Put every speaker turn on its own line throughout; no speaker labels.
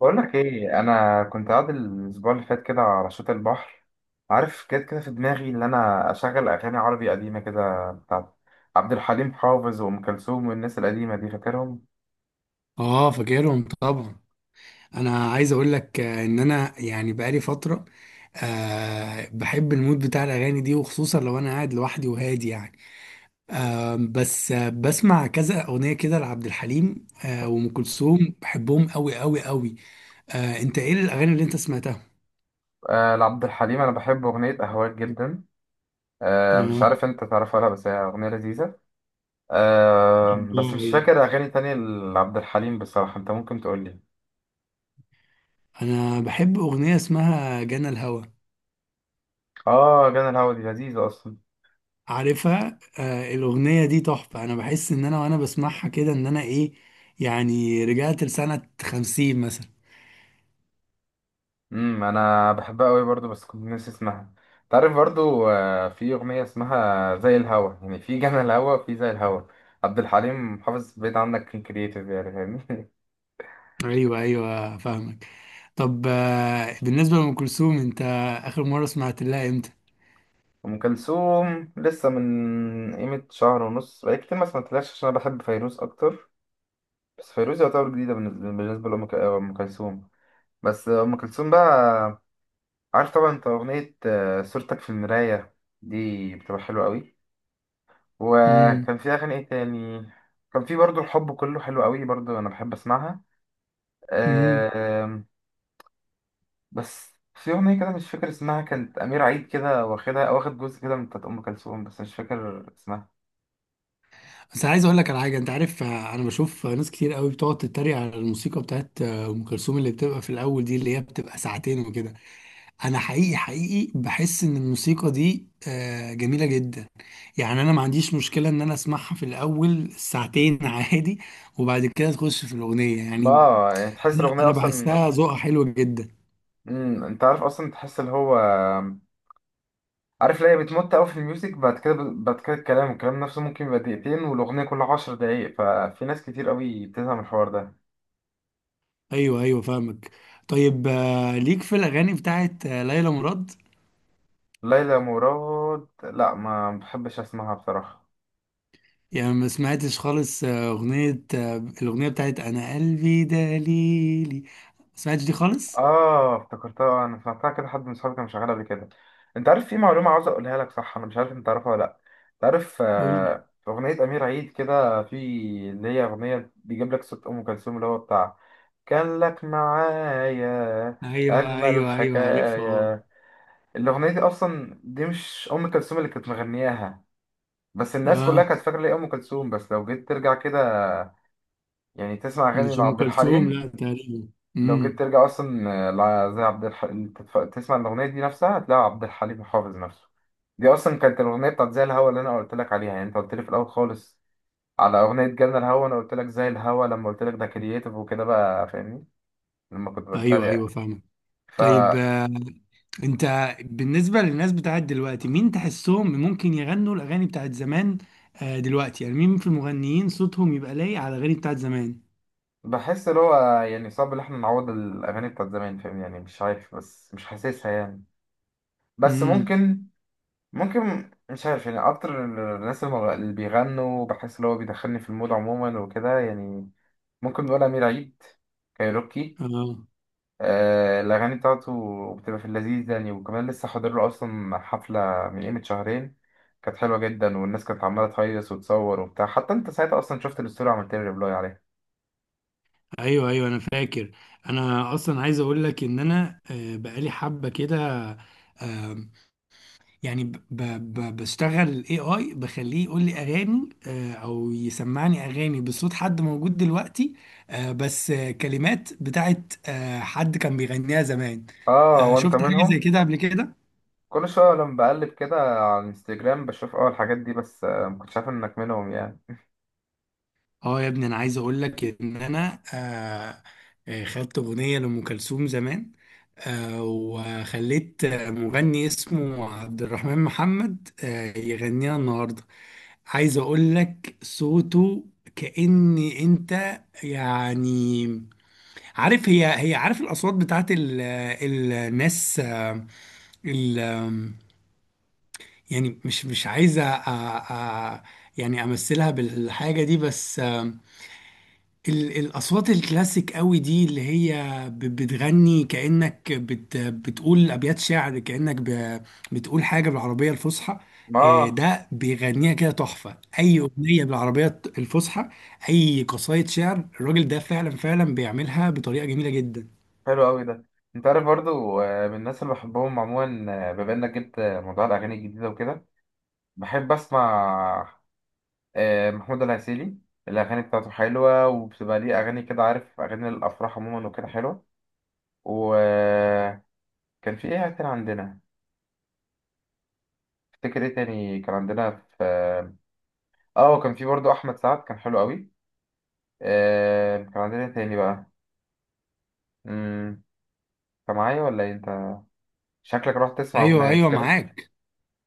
بقول لك ايه، انا كنت قاعد الاسبوع اللي فات كده على شط البحر. عارف، كده كده في دماغي ان انا اشغل اغاني عربي قديمه كده بتاعت عبد الحليم حافظ وام كلثوم والناس القديمه دي، فاكرهم.
اه، فاكرهم طبعا. انا عايز اقول لك، ان انا يعني بقالي فتره. بحب المود بتاع الاغاني دي، وخصوصا لو انا قاعد لوحدي وهادي يعني. بس بسمع كذا اغنيه كده لعبد الحليم، وام كلثوم. بحبهم قوي قوي قوي. انت ايه الاغاني اللي انت سمعتها؟
آه، لعبد الحليم انا بحب اغنيه اهواك جدا. آه، مش
اه،
عارف انت تعرفها ولا، بس هي اغنيه لذيذه. آه بس
بحبها.
مش
أيوة.
فاكر اغاني تانية لعبد الحليم بصراحه، انت ممكن تقول لي.
انا بحب اغنيه اسمها جنى الهوى.
اه، جانا الهوا دي لذيذه اصلا.
عارفها. الأغنية دي تحفة. أنا بحس إن أنا وأنا بسمعها كده إن أنا إيه، يعني رجعت لسنة 50 مثلا.
انا بحبها قوي برضو، بس كنت ناسي اسمها. تعرف برضو، في اغنيه اسمها زي الهوا، يعني في جنى الهوا وفي زي الهوا. عبد الحليم حافظ بيت عندك كان كرييتيف يعني، فاهمني.
أيوه أيوه فاهمك. طب، بالنسبة لأم كلثوم، أنت آخر مرة سمعت لها إمتى؟
ام كلثوم لسه من قيمه شهر ونص، بقالي كتير ما سمعتلهاش عشان انا بحب فيروز اكتر. بس فيروز يعتبر جديده بالنسبة لام ك- آه، أم كلثوم. بس ام كلثوم بقى، عارف طبعا، انت اغنيه صورتك في المرايه دي بتبقى حلوه قوي.
امم
وكان في اغاني ايه تاني. كان في برضو الحب كله حلو قوي برضو، انا بحب اسمعها.
امم
آم، بس في اغنيه كده مش فاكر اسمها كانت امير عيد كده واخدها، واخد جزء كده من بتاعت ام كلثوم، بس مش فاكر اسمها.
بس عايز أقول لك على حاجة. أنت عارف، أنا بشوف ناس كتير قوي بتقعد تتريق على الموسيقى بتاعت أم كلثوم، اللي بتبقى في الأول دي، اللي هي بتبقى ساعتين وكده. انا حقيقي حقيقي بحس ان الموسيقى دي جميله جدا. يعني انا ما عنديش مشكله ان انا اسمعها في الاول ساعتين عادي. وبعد كده تخش في الاغنيه
ما
يعني.
يعني تحس
انا
الاغنيه
انا
اصلا.
بحسها ذوقها حلو جدا.
مم. انت عارف اصلا تحس اللي هو، عارف ليه بتمط قوي في الميوزك بعد كده، بعد كده الكلام نفسه ممكن يبقى دقيقتين والاغنيه كلها 10 دقايق، ففي ناس كتير قوي بتفهم الحوار ده.
ايوه ايوه فاهمك. طيب، ليك في الاغاني بتاعت ليلى مراد؟
ليلى مراد لا، ما بحبش اسمعها بصراحه.
يعني ما سمعتش خالص آه، اغنيه آه، الاغنيه بتاعت انا قلبي دليلي. ما سمعتش دي خالص.
اه افتكرتها، انا سمعتها كده، حد من صحابي كان شغال قبل كده. انت عارف في معلومه عاوز اقولها لك، صح؟ انا مش عارف انت تعرفها ولا لا. انت عارف،
قول لي.
في اغنيه امير عيد كده، في اللي هي اغنيه بيجيب لك صوت ام كلثوم اللي هو بتاع كان لك معايا،
ايوه
اجمل
ايوه ايوه عارفها، اه.
حكايه. الاغنيه دي اصلا دي مش ام كلثوم اللي كانت مغنياها، بس الناس كلها
آه.
كانت فاكره ليه ام كلثوم. بس لو جيت ترجع كده يعني، تسمع
مش
اغاني
ام
لعبد
كلثوم،
الحليم.
لا، تقريبا.
لو جيت
امم.
ترجع اصلا، زي عبد الحليم، تسمع الاغنيه دي نفسها، هتلاقي عبد الحليم حافظ نفسه. دي اصلا كانت الاغنيه بتاعت زي الهوا اللي انا قلت لك عليها، يعني انت قلت لي في الاول خالص على اغنيه جالنا الهوا، انا قلت لك زي الهوا لما قلت لك ده كرييتيف وكده بقى، فاهمني، لما كنت بتريق
ايوه
يعني.
ايوه فاهمك. طيب، انت بالنسبه للناس بتاعت دلوقتي، مين تحسهم ممكن يغنوا الاغاني بتاعت زمان؟ دلوقتي يعني مين في المغنيين صوتهم يبقى لايق على الاغاني بتاعت زمان؟
فبحس اللي هو يعني صعب ان احنا نعوض الاغاني بتاعت زمان، فاهمني، يعني مش عارف، بس مش حاسسها يعني. بس
امم.
ممكن، ممكن مش عارف، يعني اكتر الناس اللي بيغنوا بحس اللي هو بيدخلني في المود عموما وكده يعني، ممكن نقول أمير عيد، كايروكي.
اه،
آه، الأغاني بتاعته بتبقى في اللذيذ يعني، وكمان لسه حاضر له أصلا حفلة من قيمة شهرين. كانت حلوة جدا والناس كانت عمالة تهيص وتصور وبتاع، حتى أنت ساعتها أصلا شفت الستوري وعملت لي ريبلاي عليها.
ايوه ايوه، انا فاكر. انا اصلا عايز اقول لك ان انا، بقالي حبه كده. آه، يعني ب ب بشتغل الـ AI، بخليه يقول لي اغاني، او يسمعني اغاني بصوت حد موجود دلوقتي، بس، كلمات بتاعت حد كان بيغنيها زمان.
آه، وأنت
شفت حاجة زي
منهم.
كده قبل كده؟
كل شوية لما بقلب كده على الانستجرام بشوف أول الحاجات دي، بس آه مكنتش عارف إنك منهم يعني.
اه يا ابني، انا عايز اقول لك ان انا، خدت اغنية لأم كلثوم زمان، وخليت مغني اسمه عبد الرحمن محمد يغنيها النهاردة. عايز اقول لك صوته كأن انت يعني، عارف هي هي عارف الاصوات بتاعت الناس، آه، ال آم، يعني مش عايزه، يعني امثلها بالحاجه دي، بس الأصوات الكلاسيك قوي دي، اللي هي بتغني كأنك بتقول أبيات شعر، كأنك بتقول حاجة بالعربية الفصحى.
آه،
ده بيغنيها كده تحفة. أي أغنية بالعربية الفصحى، أي قصايد شعر، الراجل ده فعلا فعلا بيعملها بطريقة جميلة جدا.
حلو أوي ده. أنت عارف برضو، من الناس اللي بحبهم عموما، بما إنك جبت موضوع الأغاني الجديدة وكده، بحب أسمع محمود العسيلي. الأغاني بتاعته حلوة، وبتبقى ليه أغاني كده، عارف أغاني الأفراح عموما وكده حلوة. وكان في إيه تاني عندنا، افتكر إيه تاني كان عندنا في وكان في برضه أحمد سعد كان حلو قوي. كان عندنا إيه تاني بقى؟ مم، أنت معايا ولا إيه أنت؟ شكلك رحت تسمع
أيوه
أغنية مش
أيوه
كده؟
معاك.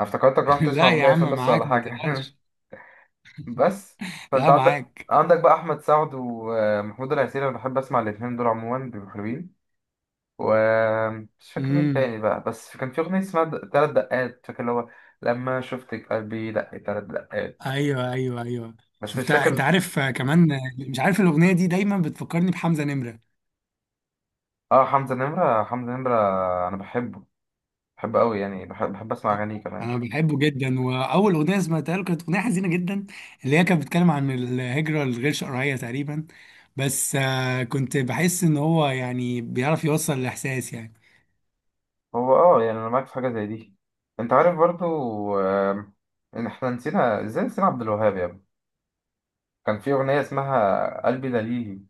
أنا افتكرتك رحت تسمع
لا يا
أغنية في
عم،
النص ولا
معاك، ما
حاجة.
تقلقش.
بس، فأنت
لا،
عندك
معاك.
عندك بقى أحمد سعد ومحمود العسيلي، أنا بحب أسمع الاتنين دول عموما بيبقوا حلوين. ومش فاكر مين
امم.
تاني بقى، بس كان في أغنية اسمها تلات دقات، فاكر اللي هو لما شفتك قلبي دق تلات دقات.
ايوه ايوه ايوه
بس مش
شفتها.
فاكر.
انت عارف، كمان مش عارف، الاغنيه دي دايما بتفكرني بحمزه نمره.
اه، حمزة نمرة، حمزة نمرة أنا بحبه، بحبه أوي يعني، بحب أسمع أغانيه كمان.
انا بحبه جدا، واول اغنيه سمعتها له كانت اغنيه حزينه جدا، اللي هي كانت بتتكلم عن الهجره الغير شرعيه تقريبا. بس، كنت بحس ان هو يعني بيعرف يوصل الاحساس يعني.
هو اه يعني أنا معاك في حاجة زي دي. أنت عارف برضو، آم، إن إحنا نسينا إزاي، نسينا عبد الوهاب يا ابني. كان في أغنية اسمها قلبي دليلي،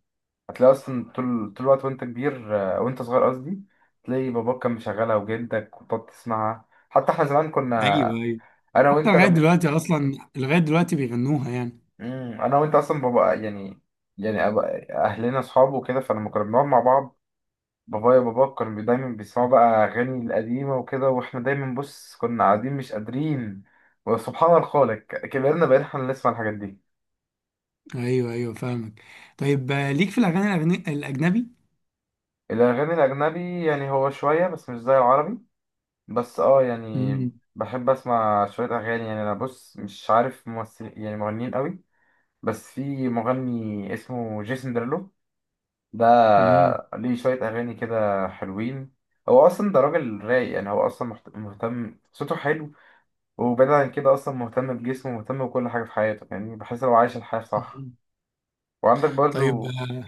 هتلاقي أصلا طول طول الوقت وأنت كبير، وأنت صغير قصدي، تلاقي باباك كان مشغلها وجدك وتقعد تسمعها. حتى احنا زمان
ايوه
كنا،
ايوه.
انا
حتى
وانت
لغايه
لما،
دلوقتي اصلا، لغايه دلوقتي بيغنوها يعني.
مم. انا وانت اصلا بابا يعني، يعني أبقى اهلنا اصحاب وكده، فلما كنا بنقعد مع بعض بابايا وبابا كانوا دايما بيسمعوا بقى اغاني القديمه وكده، واحنا دايما بص كنا قاعدين مش قادرين. وسبحان الخالق كبرنا بقينا احنا اللي نسمع الحاجات دي.
ايوه ايوه فاهمك. طيب، ليك في الاغاني الاجنبي؟
الاغاني الاجنبي يعني هو شويه بس مش زي العربي، بس اه يعني
امم.
بحب اسمع شويه اغاني يعني. انا بص مش عارف ممثل يعني مغنيين قوي، بس في مغني اسمه جيسون ديرلو، ده
امم.
ليه شوية أغاني كده حلوين. هو أصلا ده راجل رايق يعني، هو أصلا مهتم، صوته حلو. وبعيد عن كده أصلا مهتم بجسمه، مهتم بكل حاجة في حياته، يعني بحس لو عايش الحياة صح. وعندك
طيب،
برضو،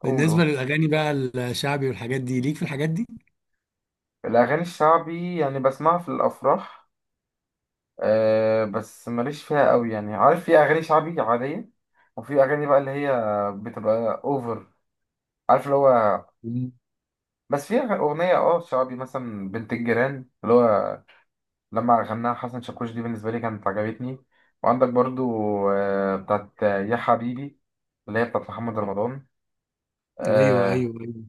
قول
بالنسبه
قول.
للاغاني بقى، الشعبي والحاجات دي، ليك في الحاجات دي؟
الأغاني الشعبي يعني بسمعها في الأفراح، أه بس ماليش فيها قوي يعني. عارف في أغاني شعبي عادية، وفي أغاني بقى اللي هي بتبقى أوفر، عارف اللي هو.
مم.
بس في أغنية اه شعبي مثلا بنت الجيران اللي هو لما غناها حسن شاكوش، دي بالنسبة لي كانت عجبتني. وعندك برضو، بتاعت يا حبيبي اللي هي بتاعت محمد رمضان.
ايوه ايوه
آه.
ايوه.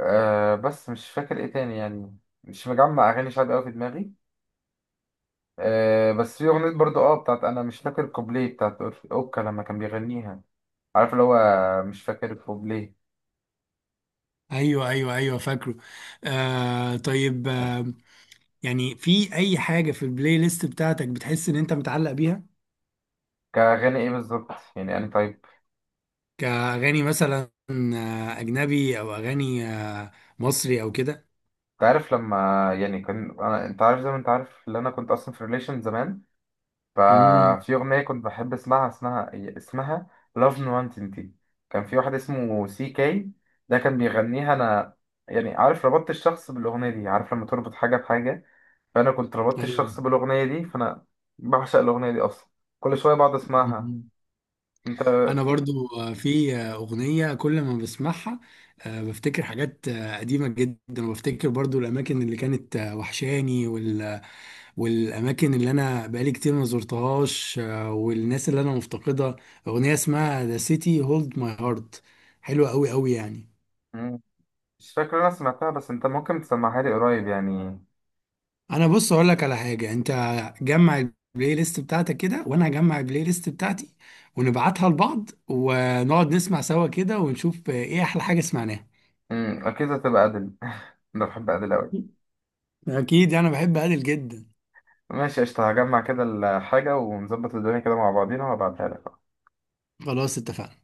بس مش فاكر ايه تاني يعني، مش مجمع أغاني شعبي أوي في دماغي. بس في أغنية برضو بتاعت، أنا مش فاكر كوبليه بتاعت أوكا لما كان بيغنيها، عارف اللي هو، مش فاكر كوبليه.
ايوه ايوه ايوه فاكره. طيب، يعني في اي حاجه في البلاي ليست بتاعتك بتحس ان انت متعلق بيها،
كأغاني ايه بالظبط يعني أنا، طيب؟
كاغاني مثلا اجنبي، او اغاني مصري او كده؟
انت عارف لما يعني كان، أنا انت عارف زي ما انت عارف اللي انا كنت اصلا في ريليشن زمان،
امم.
ففي أغنية كنت بحب اسمعها اسمها اسمها Love Nonentity، كان في واحد اسمه CK ده كان بيغنيها. أنا يعني عارف ربطت الشخص بالأغنية دي، عارف لما تربط حاجة بحاجة، فأنا كنت ربطت الشخص
ايوه.
بالأغنية دي، فأنا بعشق الأغنية دي أصلا، كل شوية بقعد أسمعها.
مم.
أنت،
انا
في،
برضو، في اغنيه كل ما بسمعها بفتكر حاجات قديمه جدا، وبفتكر برضو الاماكن اللي كانت وحشاني، والاماكن اللي انا بقالي كتير ما زرتهاش، والناس اللي انا مفتقدها. اغنيه اسمها ذا سيتي هولد ماي هارت. حلوه قوي قوي يعني.
مم. مش فاكر أنا سمعتها، بس أنت ممكن تسمعها لي قريب يعني.
انا بص اقول لك على حاجه. انت جمع البلاي ليست بتاعتك كده، وانا هجمع البلاي ليست بتاعتي، ونبعتها لبعض ونقعد نسمع سوا كده، ونشوف ايه احلى حاجه سمعناها.
أكيد هتبقى أدل. أنا بحب أدل أوي.
اكيد انا بحب ادل جدا.
ماشي قشطة، هجمع كده الحاجة ونظبط الدنيا كده مع بعضينا وهبعتها لك.
خلاص اتفقنا.